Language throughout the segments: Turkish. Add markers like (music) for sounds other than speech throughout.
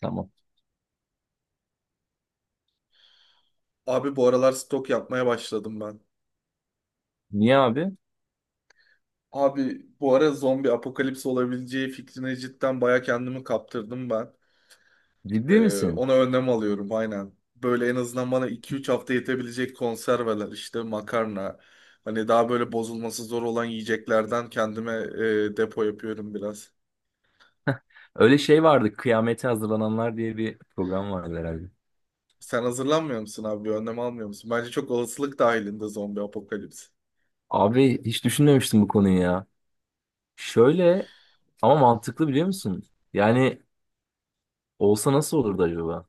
Tamam. Abi bu aralar stok yapmaya başladım ben. Niye abi? Abi bu ara zombi apokalips olabileceği fikrine cidden baya kendimi kaptırdım ben. Ciddi misin? Ona önlem alıyorum aynen. Böyle en azından bana 2-3 hafta yetebilecek konserveler işte makarna. Hani daha böyle bozulması zor olan yiyeceklerden kendime depo yapıyorum biraz. Öyle şey vardı. Kıyamete hazırlananlar diye bir program vardı herhalde. Sen hazırlanmıyor musun abi? Bir önlem almıyor musun? Bence çok olasılık dahilinde zombi apokalips. Abi hiç düşünmemiştim bu konuyu ya. Şöyle ama mantıklı biliyor musun? Yani olsa nasıl olurdu acaba?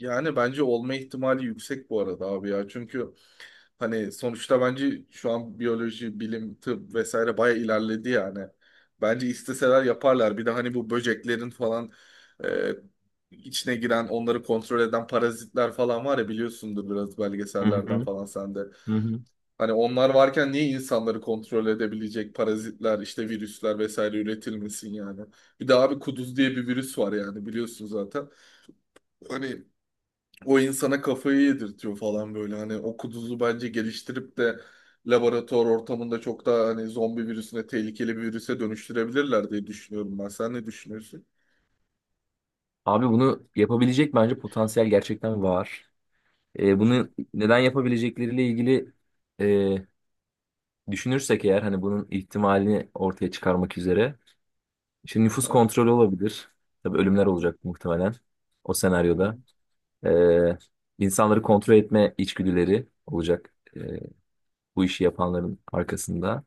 Yani bence olma ihtimali yüksek bu arada abi ya. Çünkü hani sonuçta bence şu an biyoloji, bilim, tıp vesaire baya ilerledi yani. Bence isteseler yaparlar. Bir de hani bu böceklerin falan e, içine giren, onları kontrol eden parazitler falan var ya biliyorsundur biraz Hı belgesellerden hı, falan sen de. hı hı. Hani onlar varken niye insanları kontrol edebilecek parazitler, işte virüsler vesaire üretilmesin yani. Bir de abi kuduz diye bir virüs var yani biliyorsun zaten. Hani o insana kafayı yedirtiyor falan böyle. Hani o kuduzu bence geliştirip de laboratuvar ortamında çok daha hani zombi virüsüne tehlikeli bir virüse dönüştürebilirler diye düşünüyorum ben. Sen ne düşünüyorsun? Abi bunu yapabilecek bence potansiyel gerçekten var. Bunu (laughs) neden yapabilecekleriyle ilgili e, düşünürsek eğer hani bunun ihtimalini ortaya çıkarmak üzere. Şimdi nüfus Ha? kontrolü olabilir. Tabii ölümler olacak muhtemelen o senaryoda. Ee, insanları kontrol etme içgüdüleri olacak, bu işi yapanların arkasında.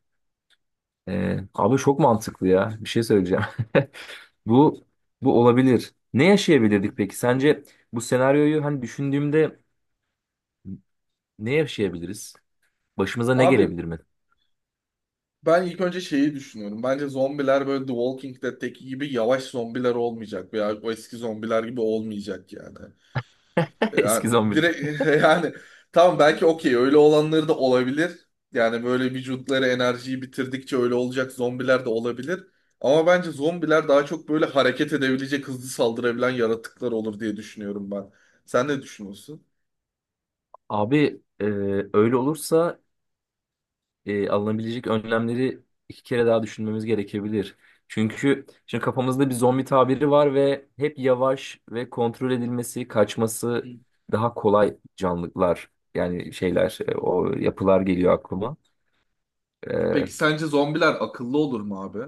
Abi çok mantıklı ya. Bir şey söyleyeceğim. (laughs) Bu bu olabilir. Ne yaşayabilirdik peki? Sence bu senaryoyu hani düşündüğümde ne yaşayabiliriz? Başımıza ne Abi gelebilir mi? ben ilk önce şeyi düşünüyorum. Bence zombiler böyle The Walking Dead'teki gibi yavaş zombiler olmayacak veya o eski zombiler gibi olmayacak yani. (laughs) Yani Eski zombiler. direkt (laughs) yani tamam belki okey öyle olanları da olabilir. Yani böyle vücutları enerjiyi bitirdikçe öyle olacak zombiler de olabilir. Ama bence zombiler daha çok böyle hareket edebilecek, hızlı saldırabilen yaratıklar olur diye düşünüyorum ben. Sen ne düşünüyorsun? Abi, öyle olursa alınabilecek önlemleri iki kere daha düşünmemiz gerekebilir. Çünkü şimdi kafamızda bir zombi tabiri var ve hep yavaş ve kontrol edilmesi, Hı. kaçması daha kolay canlılar, yani şeyler, o yapılar geliyor aklıma. Peki E, sence zombiler akıllı olur mu abi?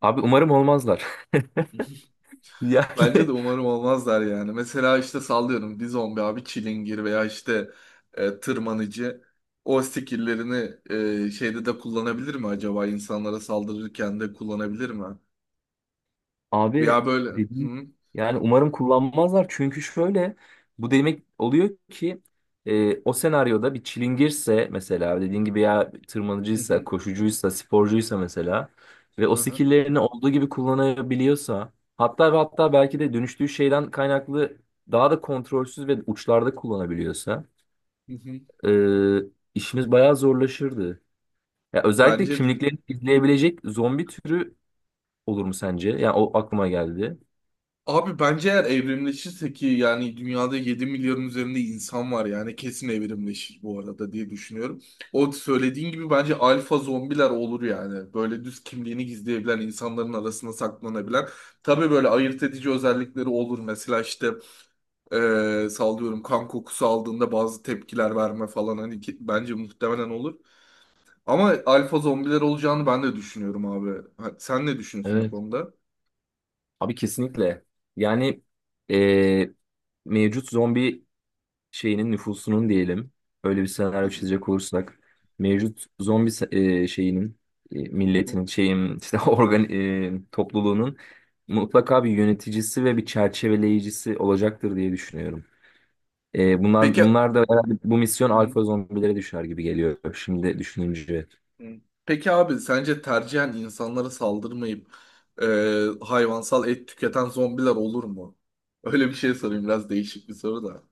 abi umarım olmazlar. (laughs) (laughs) Yani Bence de umarım olmazlar yani. Mesela işte sallıyorum bir zombi abi çilingir veya işte tırmanıcı o skill'lerini şeyde de kullanabilir mi acaba insanlara saldırırken de kullanabilir mi? abi Veya böyle hı dedim, hı, yani umarım kullanmazlar, çünkü şöyle, bu demek oluyor ki o senaryoda bir çilingirse mesela dediğin gibi, ya tırmanıcıysa, koşucuysa, sporcuysa mesela, ve o hı hı, skilllerini olduğu gibi kullanabiliyorsa, hatta ve hatta belki de dönüştüğü şeyden kaynaklı daha da kontrolsüz ve uçlarda kullanabiliyorsa, hı. Hı. e, işimiz bayağı zorlaşırdı. Ya özellikle Bence de. kimliklerini izleyebilecek zombi türü olur mu sence? Yani o aklıma geldi. Abi bence eğer evrimleşirse ki yani dünyada 7 milyarın üzerinde insan var yani kesin evrimleşir bu arada diye düşünüyorum. O söylediğin gibi bence alfa zombiler olur yani. Böyle düz kimliğini gizleyebilen, insanların arasında saklanabilen. Tabii böyle ayırt edici özellikleri olur. Mesela işte sallıyorum kan kokusu aldığında bazı tepkiler verme falan hani bence muhtemelen olur. Ama alfa zombiler olacağını ben de düşünüyorum abi. Ha, sen ne düşünüyorsun bu konuda? Abi kesinlikle. Yani, e, mevcut zombi şeyinin nüfusunun diyelim. Öyle bir senaryo çizecek (laughs) olursak. Mevcut zombi se- Şeyinin, milletinin, şeyin, işte (laughs) organ, topluluğunun mutlaka bir yöneticisi ve bir çerçeveleyicisi olacaktır diye düşünüyorum. E, bunlar Peki. bunlar da herhalde bu misyon alfa zombilere düşer gibi geliyor şimdi düşününce. Hı. Peki abi sence tercihen insanlara saldırmayıp e, hayvansal et tüketen zombiler olur mu? Öyle bir şey sorayım biraz değişik bir soru da.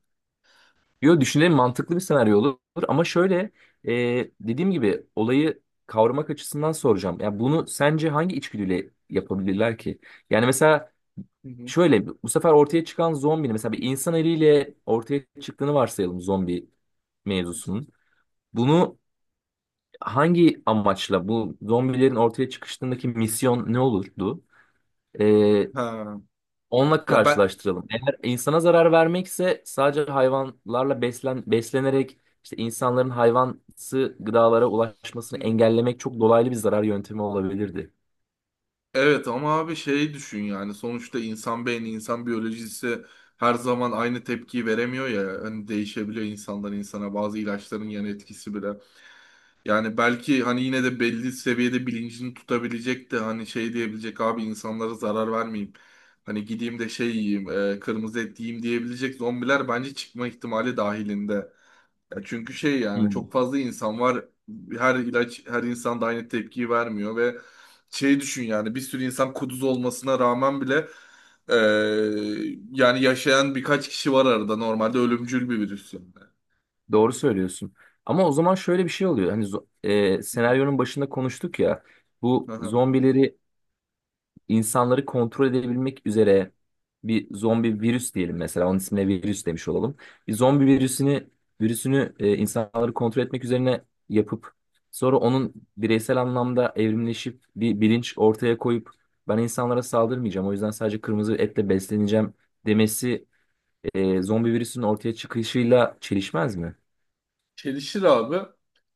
Yo düşünelim, mantıklı bir senaryo olur ama şöyle, dediğim gibi olayı kavramak açısından soracağım. Ya bunu sence hangi içgüdüyle yapabilirler ki? Yani mesela Hı hı. şöyle, bu sefer ortaya çıkan zombinin mesela bir insan eliyle ortaya çıktığını varsayalım, zombi mevzusunun. Bunu hangi amaçla, bu zombilerin ortaya çıkışındaki misyon ne olurdu? Ha. Onunla Ya ben. karşılaştıralım. Eğer insana zarar vermekse, sadece hayvanlarla beslenerek işte insanların hayvansı gıdalara ulaşmasını Hı. engellemek çok dolaylı bir zarar yöntemi olabilirdi. Evet ama abi şey düşün yani sonuçta insan beyni, insan biyolojisi her zaman aynı tepkiyi veremiyor ya. Hani değişebiliyor insandan insana bazı ilaçların yan etkisi bile. Yani belki hani yine de belli seviyede bilincini tutabilecek de hani şey diyebilecek abi insanlara zarar vermeyeyim. Hani gideyim de şey yiyeyim, kırmızı et yiyeyim diyebilecek zombiler bence çıkma ihtimali dahilinde. Ya çünkü şey yani Hmm. çok fazla insan var. Her ilaç her insan da aynı tepkiyi vermiyor ve şeyi düşün yani bir sürü insan kuduz olmasına rağmen bile e, yani yaşayan birkaç kişi var arada normalde ölümcül bir virüs yani. Doğru söylüyorsun. Ama o zaman şöyle bir şey oluyor. Hani Hı. senaryonun başında konuştuk ya. Bu Aha. zombileri insanları kontrol edebilmek üzere, bir zombi virüs diyelim mesela. Onun ismine virüs demiş olalım. Bir zombi virüsünü, insanları kontrol etmek üzerine yapıp sonra onun bireysel anlamda evrimleşip bir bilinç ortaya koyup "ben insanlara saldırmayacağım, o yüzden sadece kırmızı etle besleneceğim" demesi, zombi virüsünün ortaya çıkışıyla çelişmez mi? Çelişir abi.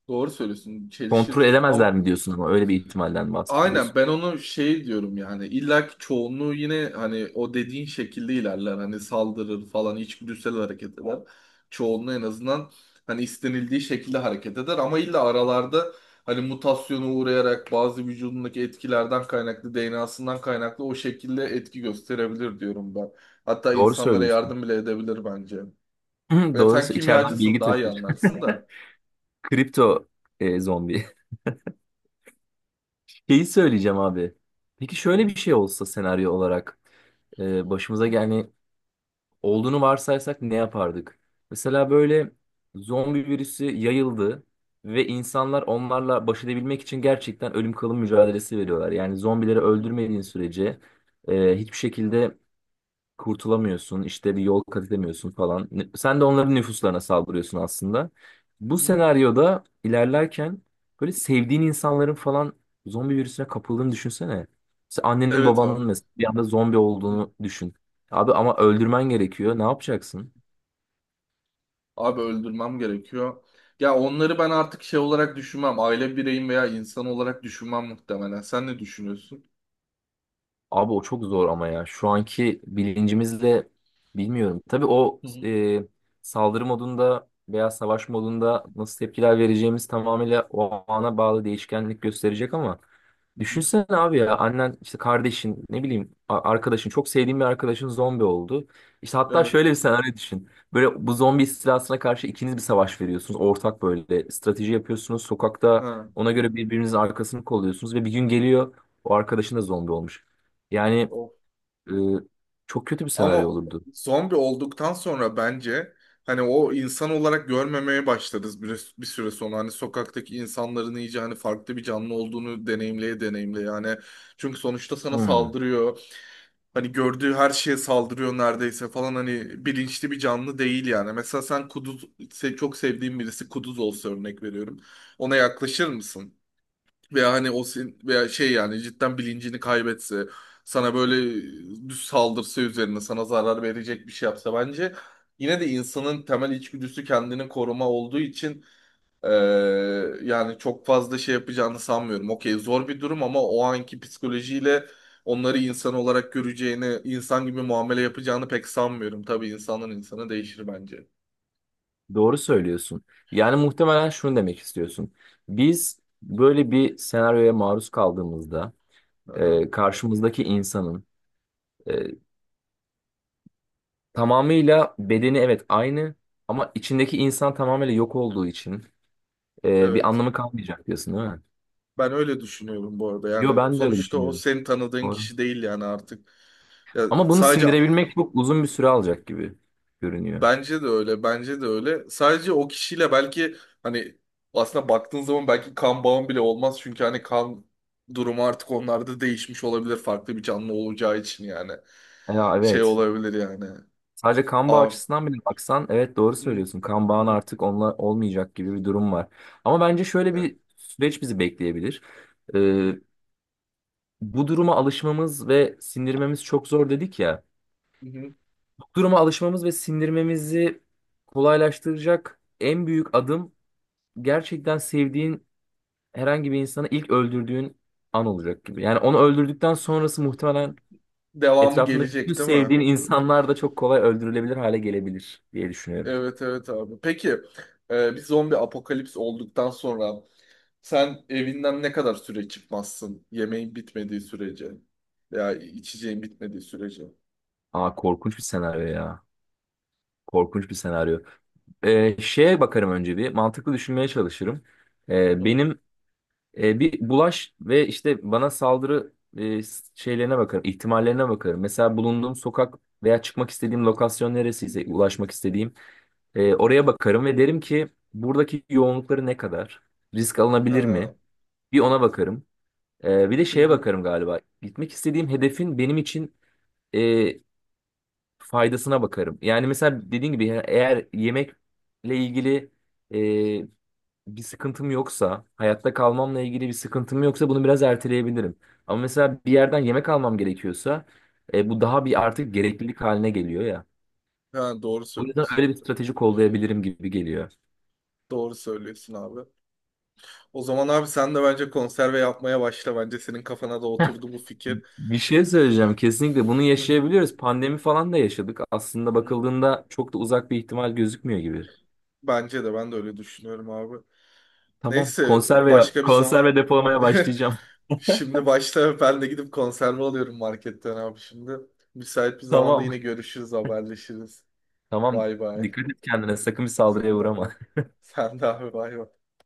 Doğru söylüyorsun. Kontrol Çelişir ama. edemezler mi diyorsun, ama öyle bir ihtimalden Aynen bahsediyorsun. ben onu şey diyorum yani illa ki çoğunluğu yine hani o dediğin şekilde ilerler hani saldırır falan içgüdüsel hareket eder. Çoğunluğu en azından hani istenildiği şekilde hareket eder ama illa aralarda hani mutasyona uğrayarak bazı vücudundaki etkilerden kaynaklı DNA'sından kaynaklı o şekilde etki gösterebilir diyorum ben. Hatta Doğru insanlara söylüyorsun. yardım bile edebilir bence. (laughs) Ya sen Doğrusu içeriden kimyacısın bilgi daha iyi taşır. anlarsın da. Kripto, zombi. (laughs) Şeyi söyleyeceğim abi. Peki şöyle bir şey olsa senaryo olarak, başımıza yani olduğunu varsaysak, ne yapardık? Mesela böyle zombi virüsü yayıldı ve insanlar onlarla baş edebilmek için gerçekten ölüm kalım mücadelesi veriyorlar. Yani zombileri Hı öldürmediğin sürece hiçbir şekilde kurtulamıyorsun, işte bir yol kat edemiyorsun falan. Sen de onların nüfuslarına saldırıyorsun aslında. Bu hı. senaryoda ilerlerken böyle sevdiğin insanların falan zombi virüsüne kapıldığını düşünsene. Mesela annenin Evet abi. babanın mesela bir anda zombi olduğunu düşün. Abi ama öldürmen gerekiyor. Ne yapacaksın? Abi öldürmem gerekiyor. Ya onları ben artık şey olarak düşünmem. Aile bireyim veya insan olarak düşünmem muhtemelen. Sen ne düşünüyorsun? Abi o çok zor ama ya. Şu anki bilincimizle bilmiyorum. Tabii o, Hı hı. Saldırı modunda veya savaş modunda nasıl tepkiler vereceğimiz tamamıyla o ana bağlı değişkenlik gösterecek ama. Hı hı. Düşünsene abi ya, annen, işte kardeşin, ne bileyim, arkadaşın, çok sevdiğin bir arkadaşın zombi oldu. İşte hatta Evet. şöyle bir senaryo düşün. Böyle bu zombi istilasına karşı ikiniz bir savaş veriyorsunuz. Ortak böyle strateji yapıyorsunuz. Sokakta Ha. ona göre birbirinizin arkasını kolluyorsunuz ve bir gün geliyor, o arkadaşın da zombi olmuş. Yani, O. e, çok kötü bir Ama senaryo olurdu. zombi olduktan sonra bence hani o insan olarak görmemeye başlarız bir süre sonra. Hani sokaktaki insanların iyice hani farklı bir canlı olduğunu deneyimleye deneyimle, yani çünkü sonuçta sana Hmm, saldırıyor. Hani gördüğü her şeye saldırıyor neredeyse falan hani bilinçli bir canlı değil yani. Mesela sen kuduz se- çok sevdiğin birisi kuduz olsa örnek veriyorum. Ona yaklaşır mısın? Veya hani o sen- veya şey yani cidden bilincini kaybetse sana böyle düz saldırsa üzerine sana zarar verecek bir şey yapsa bence yine de insanın temel içgüdüsü kendini koruma olduğu için ee, yani çok fazla şey yapacağını sanmıyorum. Okey zor bir durum ama o anki psikolojiyle onları insan olarak göreceğini, insan gibi muamele yapacağını pek sanmıyorum. Tabii insanın insana değişir bence. doğru söylüyorsun. Yani muhtemelen şunu demek istiyorsun. Biz böyle bir senaryoya maruz kaldığımızda, Aha, karşımızdaki insanın, E, tamamıyla bedeni evet aynı, ama içindeki insan tamamıyla yok olduğu için bir evet. anlamı kalmayacak diyorsun değil mi? Ben öyle düşünüyorum bu arada. Yo Yani ben de öyle sonuçta o düşünüyorum. seni tanıdığın Doğru. kişi değil yani artık. Ya Ama bunu sadece. sindirebilmek çok uzun bir süre alacak gibi görünüyor. Bence de öyle, bence de öyle. Sadece o kişiyle belki hani aslında baktığın zaman belki kan bağın bile olmaz. Çünkü hani kan durumu artık onlarda değişmiş olabilir. Farklı bir canlı olacağı için yani. Ya Şey evet. olabilir yani. Sadece kan bağı Aa, açısından bile baksan evet doğru hı, söylüyorsun. Kan bağın hı, artık onunla olmayacak gibi bir durum var. Ama bence şöyle evet, bir süreç bizi bekleyebilir. E, hı, bu duruma alışmamız ve sindirmemiz çok zor dedik ya. hı. Duruma alışmamız ve sindirmemizi kolaylaştıracak en büyük adım, gerçekten sevdiğin herhangi bir insanı ilk öldürdüğün an olacak gibi. Yani onu öldürdükten sonrası muhtemelen Devamı etrafındaki bütün gelecek değil mi? sevdiğin insanlar da çok kolay öldürülebilir hale gelebilir diye düşünüyorum. Evet evet abi. Peki bir zombi apokalips olduktan sonra sen evinden ne kadar süre çıkmazsın? Yemeğin bitmediği sürece veya içeceğin bitmediği sürece. Aa, korkunç bir senaryo ya. Korkunç bir senaryo. Şeye bakarım önce bir. Mantıklı düşünmeye çalışırım. Hı hı. Benim, bir bulaş ve işte bana saldırı, şeylerine bakarım, ihtimallerine bakarım. Mesela bulunduğum sokak veya çıkmak istediğim lokasyon neresiyse, ulaşmak istediğim, Ha. oraya bakarım ve derim ki buradaki yoğunlukları ne kadar? Risk alınabilir Hı mi? Bir ona bakarım. E, bir de şeye hı. bakarım galiba. Gitmek istediğim hedefin benim için e, faydasına bakarım. Yani mesela dediğin gibi eğer yemekle ilgili bir sıkıntım yoksa, hayatta kalmamla ilgili bir sıkıntım yoksa bunu biraz erteleyebilirim. Ama mesela bir yerden yemek almam gerekiyorsa bu daha bir Aha. artık gereklilik haline geliyor ya. Ha, doğru O yüzden söylüyorsun. öyle bir strateji kollayabilirim gibi geliyor. Doğru söylüyorsun abi. O zaman abi sen de bence konserve yapmaya başla. Bence senin kafana da oturdu bu fikir. Bir şey söyleyeceğim. Kesinlikle bunu Hı hı. yaşayabiliyoruz. Pandemi falan da yaşadık. Aslında Hı hı. bakıldığında çok da uzak bir ihtimal gözükmüyor gibi. Bence de ben de öyle düşünüyorum abi. Tamam. Neyse Konserve başka bir zaman. konserve depolamaya (laughs) başlayacağım. Şimdi başta ben de gidip konserve alıyorum marketten abi şimdi. Müsait bir (laughs) zamanda Tamam. yine görüşürüz, haberleşiriz. Tamam. Bay bay. Dikkat et kendine. Sakın bir saldırıya Sen de abi. uğrama. Sen de abi bay bay.